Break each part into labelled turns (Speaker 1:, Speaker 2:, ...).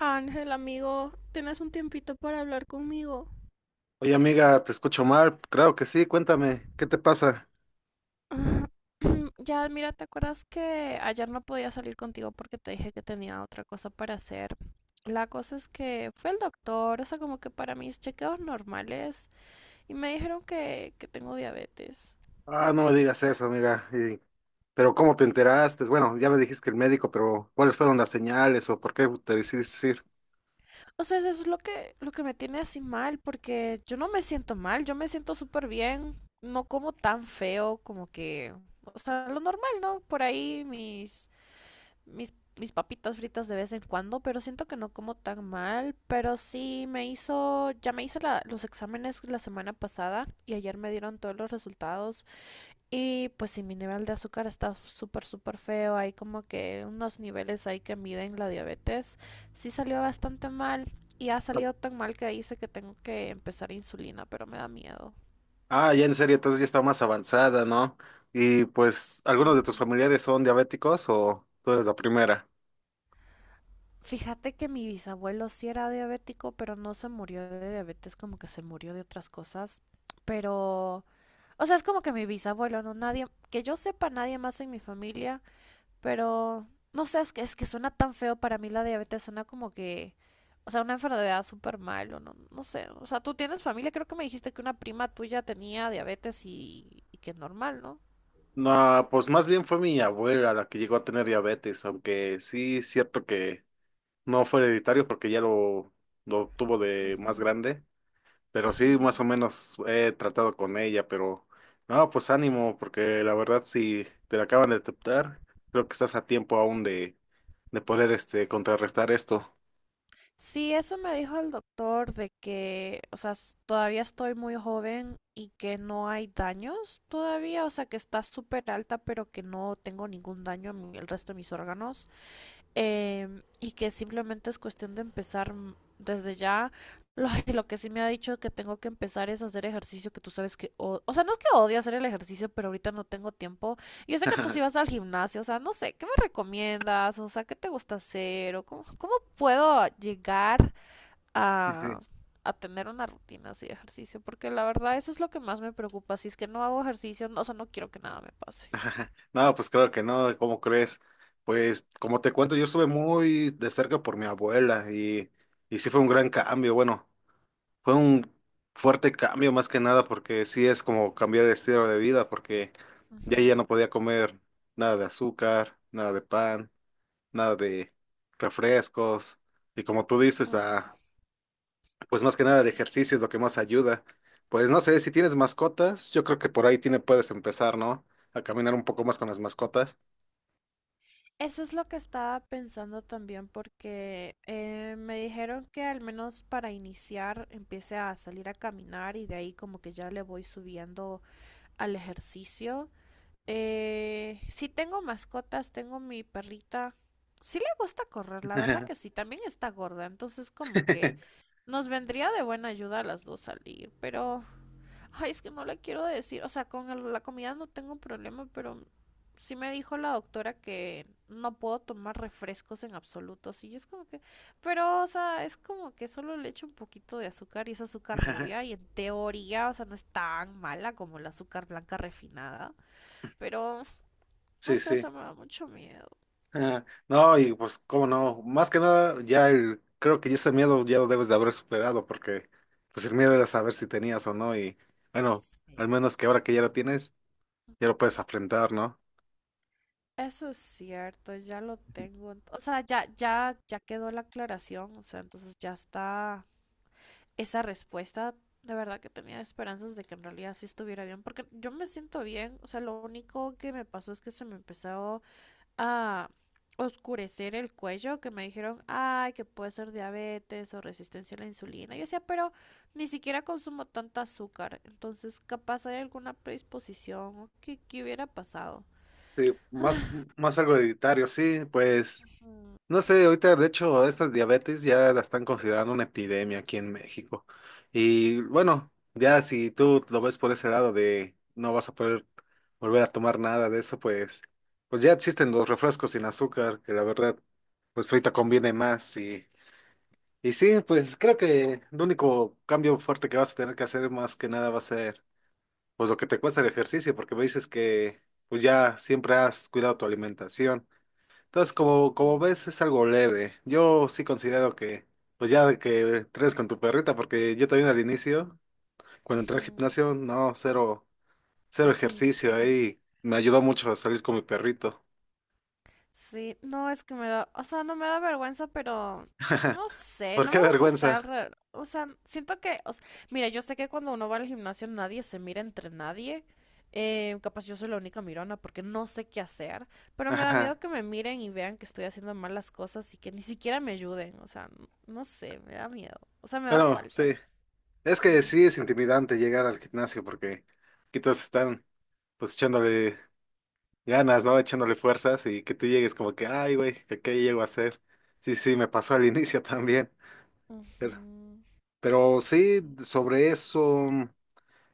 Speaker 1: Ángel, amigo, ¿tienes un tiempito para hablar conmigo?
Speaker 2: Oye, amiga, te escucho mal. Claro que sí, cuéntame, ¿qué te pasa?
Speaker 1: Ya, mira, ¿te acuerdas que ayer no podía salir contigo porque te dije que tenía otra cosa para hacer? La cosa es que fui al doctor, o sea, como que para mis chequeos normales, y me dijeron que tengo diabetes.
Speaker 2: Ah, no me digas eso, amiga. Y- pero ¿cómo te enteraste? Bueno, ya me dijiste que el médico, pero ¿cuáles fueron las señales o por qué te decidiste ir?
Speaker 1: O sea, eso es lo que me tiene así mal, porque yo no me siento mal, yo me siento súper bien, no como tan feo como que, o sea, lo normal, ¿no? Por ahí mis papitas fritas de vez en cuando, pero siento que no como tan mal. Pero sí me hizo, ya me hice los exámenes la semana pasada y ayer me dieron todos los resultados. Y pues sí, mi nivel de azúcar está súper feo. Hay como que unos niveles ahí que miden la diabetes. Sí salió bastante mal y ha salido tan mal que dice que tengo que empezar insulina, pero me da miedo.
Speaker 2: Ah, ya en serio, entonces ya está más avanzada, ¿no? Y pues, ¿algunos de tus
Speaker 1: Ujú.
Speaker 2: familiares son diabéticos o tú eres la primera?
Speaker 1: Fíjate que mi bisabuelo sí era diabético, pero no se murió de diabetes, como que se murió de otras cosas. Pero, o sea, es como que mi bisabuelo, no nadie, que yo sepa nadie más en mi familia, pero no sé, es que suena tan feo para mí la diabetes, suena como que, o sea, una enfermedad súper mal, o no, no sé, o sea, tú tienes familia, creo que me dijiste que una prima tuya tenía diabetes y que es normal, ¿no?
Speaker 2: No, pues más bien fue mi abuela la que llegó a tener diabetes, aunque sí es cierto que no fue hereditario porque lo tuvo de
Speaker 1: Ujú,
Speaker 2: más grande. Pero sí, más
Speaker 1: ujú.
Speaker 2: o menos he tratado con ella, pero no, pues ánimo, porque la verdad si te la acaban de aceptar, creo que estás a tiempo aún de poder este contrarrestar esto.
Speaker 1: Sí, eso me dijo el doctor de que, o sea, todavía estoy muy joven y que no hay daños todavía, o sea, que está súper alta, pero que no tengo ningún daño en el resto de mis órganos, y que simplemente es cuestión de empezar desde ya. Lo, lo que sí me ha dicho que tengo que empezar es hacer ejercicio, que tú sabes que... o sea, no es que odie hacer el ejercicio, pero ahorita no tengo tiempo. Yo sé que tú sí vas al gimnasio, o sea, no sé, ¿qué me recomiendas? O sea, ¿qué te gusta hacer? ¿O cómo, cómo puedo llegar
Speaker 2: Sí,
Speaker 1: a,
Speaker 2: sí.
Speaker 1: a tener una rutina así de ejercicio? Porque la verdad eso es lo que más me preocupa. Si es que no hago ejercicio, o sea, no quiero que nada me pase.
Speaker 2: No, pues claro que no, ¿cómo crees? Pues como te cuento, yo estuve muy de cerca por mi abuela y sí fue un gran cambio. Bueno, fue un fuerte cambio más que nada porque sí es como cambiar de estilo de vida porque ya no podía comer nada de azúcar, nada de pan, nada de refrescos y como tú dices,
Speaker 1: Ujú.
Speaker 2: ah, pues más que nada el ejercicio es lo que más ayuda. Pues no sé, si tienes mascotas, yo creo que por ahí tiene, puedes empezar, ¿no? A caminar un poco más con las mascotas.
Speaker 1: Eso es lo que estaba pensando también porque me dijeron que al menos para iniciar empiece a salir a caminar y de ahí como que ya le voy subiendo al ejercicio. Sí tengo mascotas, tengo mi perrita. Sí le gusta correr, la verdad que sí, también está gorda, entonces como que nos vendría de buena ayuda a las dos salir, pero... Ay, es que no le quiero decir, o sea, con la comida no tengo problema, pero sí me dijo la doctora que no puedo tomar refrescos en absoluto, sí, y es como que, pero, o sea, es como que solo le echo un poquito de azúcar y es azúcar rubia y en teoría, o sea, no es tan mala como el azúcar blanca refinada, pero, no
Speaker 2: Sí,
Speaker 1: sé, o
Speaker 2: sí.
Speaker 1: sea, me da mucho miedo.
Speaker 2: Ah, no, y pues, cómo no, más que nada, ya el, creo que ya ese miedo ya lo debes de haber superado, porque pues el miedo era saber si tenías o no, y bueno, al
Speaker 1: Sí.
Speaker 2: menos que ahora que ya lo tienes, ya lo puedes afrontar, ¿no?
Speaker 1: Eso es cierto, ya lo tengo. O sea, ya quedó la aclaración. O sea, entonces ya está esa respuesta, de verdad que tenía esperanzas de que en realidad sí estuviera bien, porque yo me siento bien, o sea, lo único que me pasó es que se me empezó a oscurecer el cuello, que me dijeron, ay, que puede ser diabetes o resistencia a la insulina. Yo decía, pero ni siquiera consumo tanta azúcar, entonces capaz hay alguna predisposición o qué hubiera pasado.
Speaker 2: Sí, más, más algo hereditario, sí, pues.
Speaker 1: Ujú.
Speaker 2: No sé, ahorita de hecho estas diabetes ya la están considerando una epidemia aquí en México. Y bueno, ya si tú lo ves por ese lado de no vas a poder volver a tomar nada de eso, pues, pues ya existen los refrescos sin azúcar, que la verdad, pues ahorita conviene más. Y sí, pues creo que el único cambio fuerte que vas a tener que hacer más que nada va a ser pues lo que te cuesta el ejercicio, porque me dices que pues ya siempre has cuidado tu alimentación. Entonces, como,
Speaker 1: Sí.
Speaker 2: como ves, es algo leve. Yo sí considero que, pues ya de que tres con tu perrita, porque yo también al inicio, cuando entré al
Speaker 1: Ujú.
Speaker 2: gimnasio, no, cero, cero ejercicio ahí. Me ayudó mucho a salir con mi perrito.
Speaker 1: Sí, no es que me da, o sea, no me da vergüenza, pero no sé,
Speaker 2: ¿Por
Speaker 1: no
Speaker 2: qué
Speaker 1: me gusta estar
Speaker 2: vergüenza?
Speaker 1: alrededor, o sea, siento que, o sea, mira, yo sé que cuando uno va al gimnasio nadie se mira entre nadie, capaz yo soy la única mirona porque no sé qué hacer, pero me da
Speaker 2: Ajá.
Speaker 1: miedo que me miren y vean que estoy haciendo mal las cosas y que ni siquiera me ayuden, o sea, no sé, me da miedo, o sea, me da
Speaker 2: Bueno, sí.
Speaker 1: faltas.
Speaker 2: Es que
Speaker 1: Ujú,
Speaker 2: sí es intimidante llegar al gimnasio porque aquí todos están pues echándole ganas, ¿no? Echándole fuerzas y que tú llegues como que, ay, güey, ¿qué, qué llego a hacer? Sí, sí, me pasó al inicio también.
Speaker 1: ujú.
Speaker 2: Pero sí, sobre eso,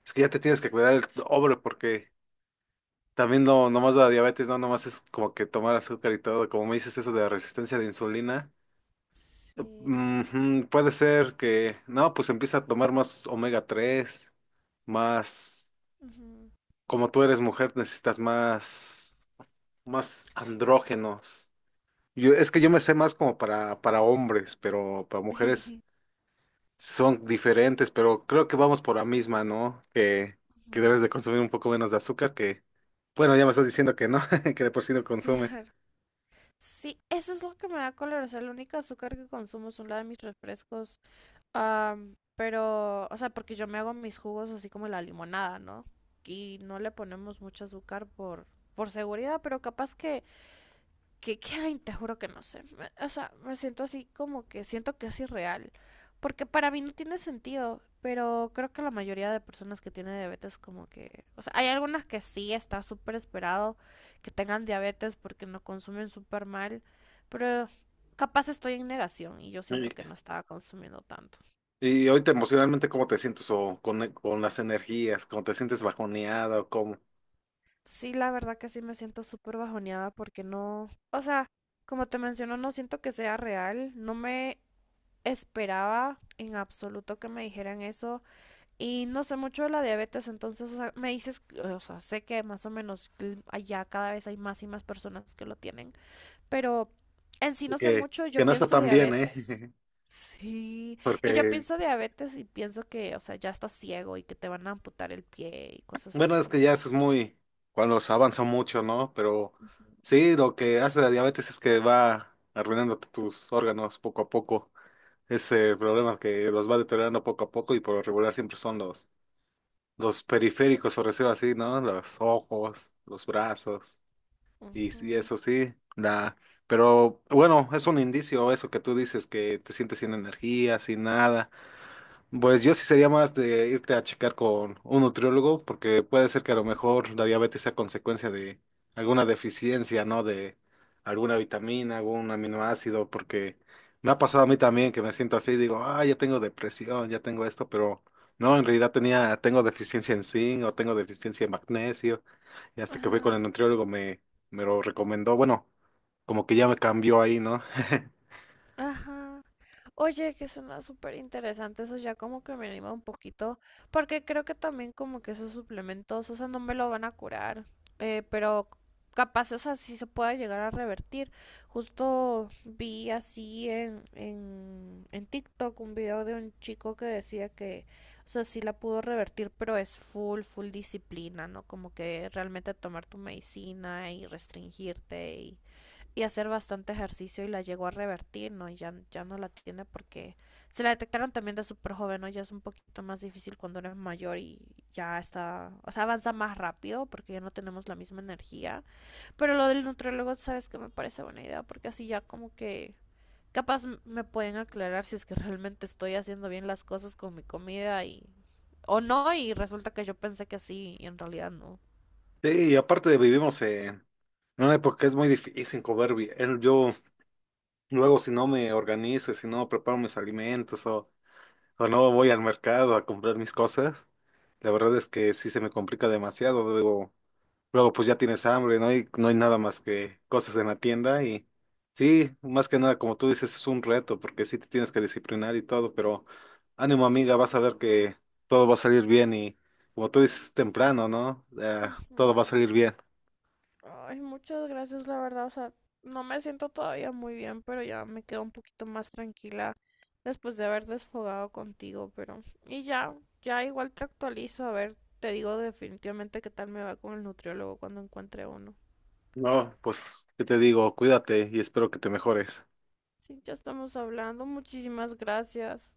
Speaker 2: es que ya te tienes que cuidar el hombre porque también no, nomás la diabetes, no, nomás es como que tomar azúcar y todo, como me dices eso de la resistencia de insulina,
Speaker 1: Sí.
Speaker 2: ujú, puede ser que, no, pues empieza a tomar más omega 3 más,
Speaker 1: Ujú,
Speaker 2: como tú eres mujer, necesitas más, más andrógenos. Yo, es que yo
Speaker 1: ujú.
Speaker 2: me sé más para hombres, pero para mujeres son diferentes, pero creo que vamos por la misma, ¿no? Que
Speaker 1: Ujú.
Speaker 2: debes de consumir un poco menos de azúcar, que, bueno, ya me estás diciendo que no, que de por sí no consumes.
Speaker 1: Claro. Sí, eso es lo que me da color. O sea, el único azúcar que consumo es una de mis refrescos. Pero, o sea, porque yo me hago mis jugos así como la limonada, ¿no? Y no le ponemos mucho azúcar por seguridad, pero capaz que ay, te juro que no sé. O sea, me siento así como que siento que es irreal. Porque para mí no tiene sentido, pero creo que la mayoría de personas que tienen diabetes como que, o sea, hay algunas que sí está súper esperado que tengan diabetes porque no consumen súper mal, pero capaz estoy en negación y yo
Speaker 2: Y,
Speaker 1: siento que no estaba consumiendo tanto.
Speaker 2: y ahorita emocionalmente, ¿cómo te sientes? O con, e, con las energías, ¿cómo te sientes bajoneada o cómo?
Speaker 1: Sí, la verdad que sí me siento súper bajoneada porque no, o sea, como te menciono, no siento que sea real, no me esperaba en absoluto que me dijeran eso. Y no sé mucho de la diabetes, entonces o sea, me dices, o sea, sé que más o menos allá cada vez hay más y más personas que lo tienen, pero en sí no sé
Speaker 2: Que,
Speaker 1: mucho, yo
Speaker 2: que no está
Speaker 1: pienso
Speaker 2: tan bien, ¿eh?
Speaker 1: diabetes. Sí, y yo
Speaker 2: Porque,
Speaker 1: pienso diabetes y pienso que, o sea, ya estás ciego y que te van a amputar el pie y cosas
Speaker 2: bueno, es
Speaker 1: así.
Speaker 2: que ya eso es muy, cuando se avanza mucho, ¿no? Pero
Speaker 1: Ujú,
Speaker 2: sí, lo que hace la diabetes es que va arruinándote tus órganos poco a poco. Ese problema que los va deteriorando poco a poco y por lo regular siempre son los periféricos, por decirlo así, ¿no? Los ojos, los brazos y
Speaker 1: ujú,
Speaker 2: eso sí, da. Pero bueno, es un indicio eso que tú dices que te sientes sin energía, sin nada. Pues yo sí sería más de irte a checar con un nutriólogo, porque puede ser que a lo
Speaker 1: ujú,
Speaker 2: mejor la diabetes sea consecuencia de alguna deficiencia, ¿no? De alguna vitamina, algún aminoácido, porque me ha pasado a
Speaker 1: ujú,
Speaker 2: mí también que me siento así, digo, ah, ya tengo depresión, ya tengo esto, pero no, en realidad tenía, tengo deficiencia en zinc o tengo deficiencia en magnesio, y hasta que fui con
Speaker 1: ajá.
Speaker 2: el nutriólogo me, me lo recomendó, bueno, como que ya me cambió ahí, ¿no?
Speaker 1: Ajá. Oye, que suena súper interesante, eso ya como que me anima un poquito, porque creo que también como que esos suplementos, o sea, no me lo van a curar, pero capaz, o sea, sí se pueda llegar a revertir. Justo vi así en TikTok un video de un chico que decía que, o sea, sí la pudo revertir, pero es full disciplina, ¿no? Como que realmente tomar tu medicina y restringirte y hacer bastante ejercicio y la llegó a revertir, ¿no? Y ya no la tiene porque se la detectaron también de súper joven, ¿no? Ya es un poquito más difícil cuando eres mayor y ya está, o sea, avanza más rápido porque ya no tenemos la misma energía. Pero lo del nutriólogo, sabes que me parece buena idea porque así ya como que capaz me pueden aclarar si es que realmente estoy haciendo bien las cosas con mi comida y o no y resulta que yo pensé que sí y en realidad no.
Speaker 2: Sí, y aparte vivimos en no, porque es muy difícil comer bien. Yo luego si no me organizo, si no preparo mis alimentos o no voy al mercado a comprar mis cosas, la verdad es que sí se me complica demasiado. Luego, luego pues ya tienes hambre, no hay, no hay nada más que cosas en la tienda y sí, más que nada como tú dices es un reto porque sí te tienes que disciplinar y todo, pero ánimo amiga, vas a ver que todo va a salir bien y como tú dices temprano, ¿no? Todo va a
Speaker 1: Ujú.
Speaker 2: salir bien.
Speaker 1: Ay, muchas gracias, la verdad. O sea, no me siento todavía muy bien, pero ya me quedo un poquito más tranquila después de haber desfogado contigo, pero... Y ya igual te actualizo, a ver, te digo definitivamente qué tal me va con el nutriólogo cuando encuentre uno.
Speaker 2: No, pues, ¿qué te digo? Cuídate y espero que te mejores.
Speaker 1: Sí, ya estamos hablando. Muchísimas gracias.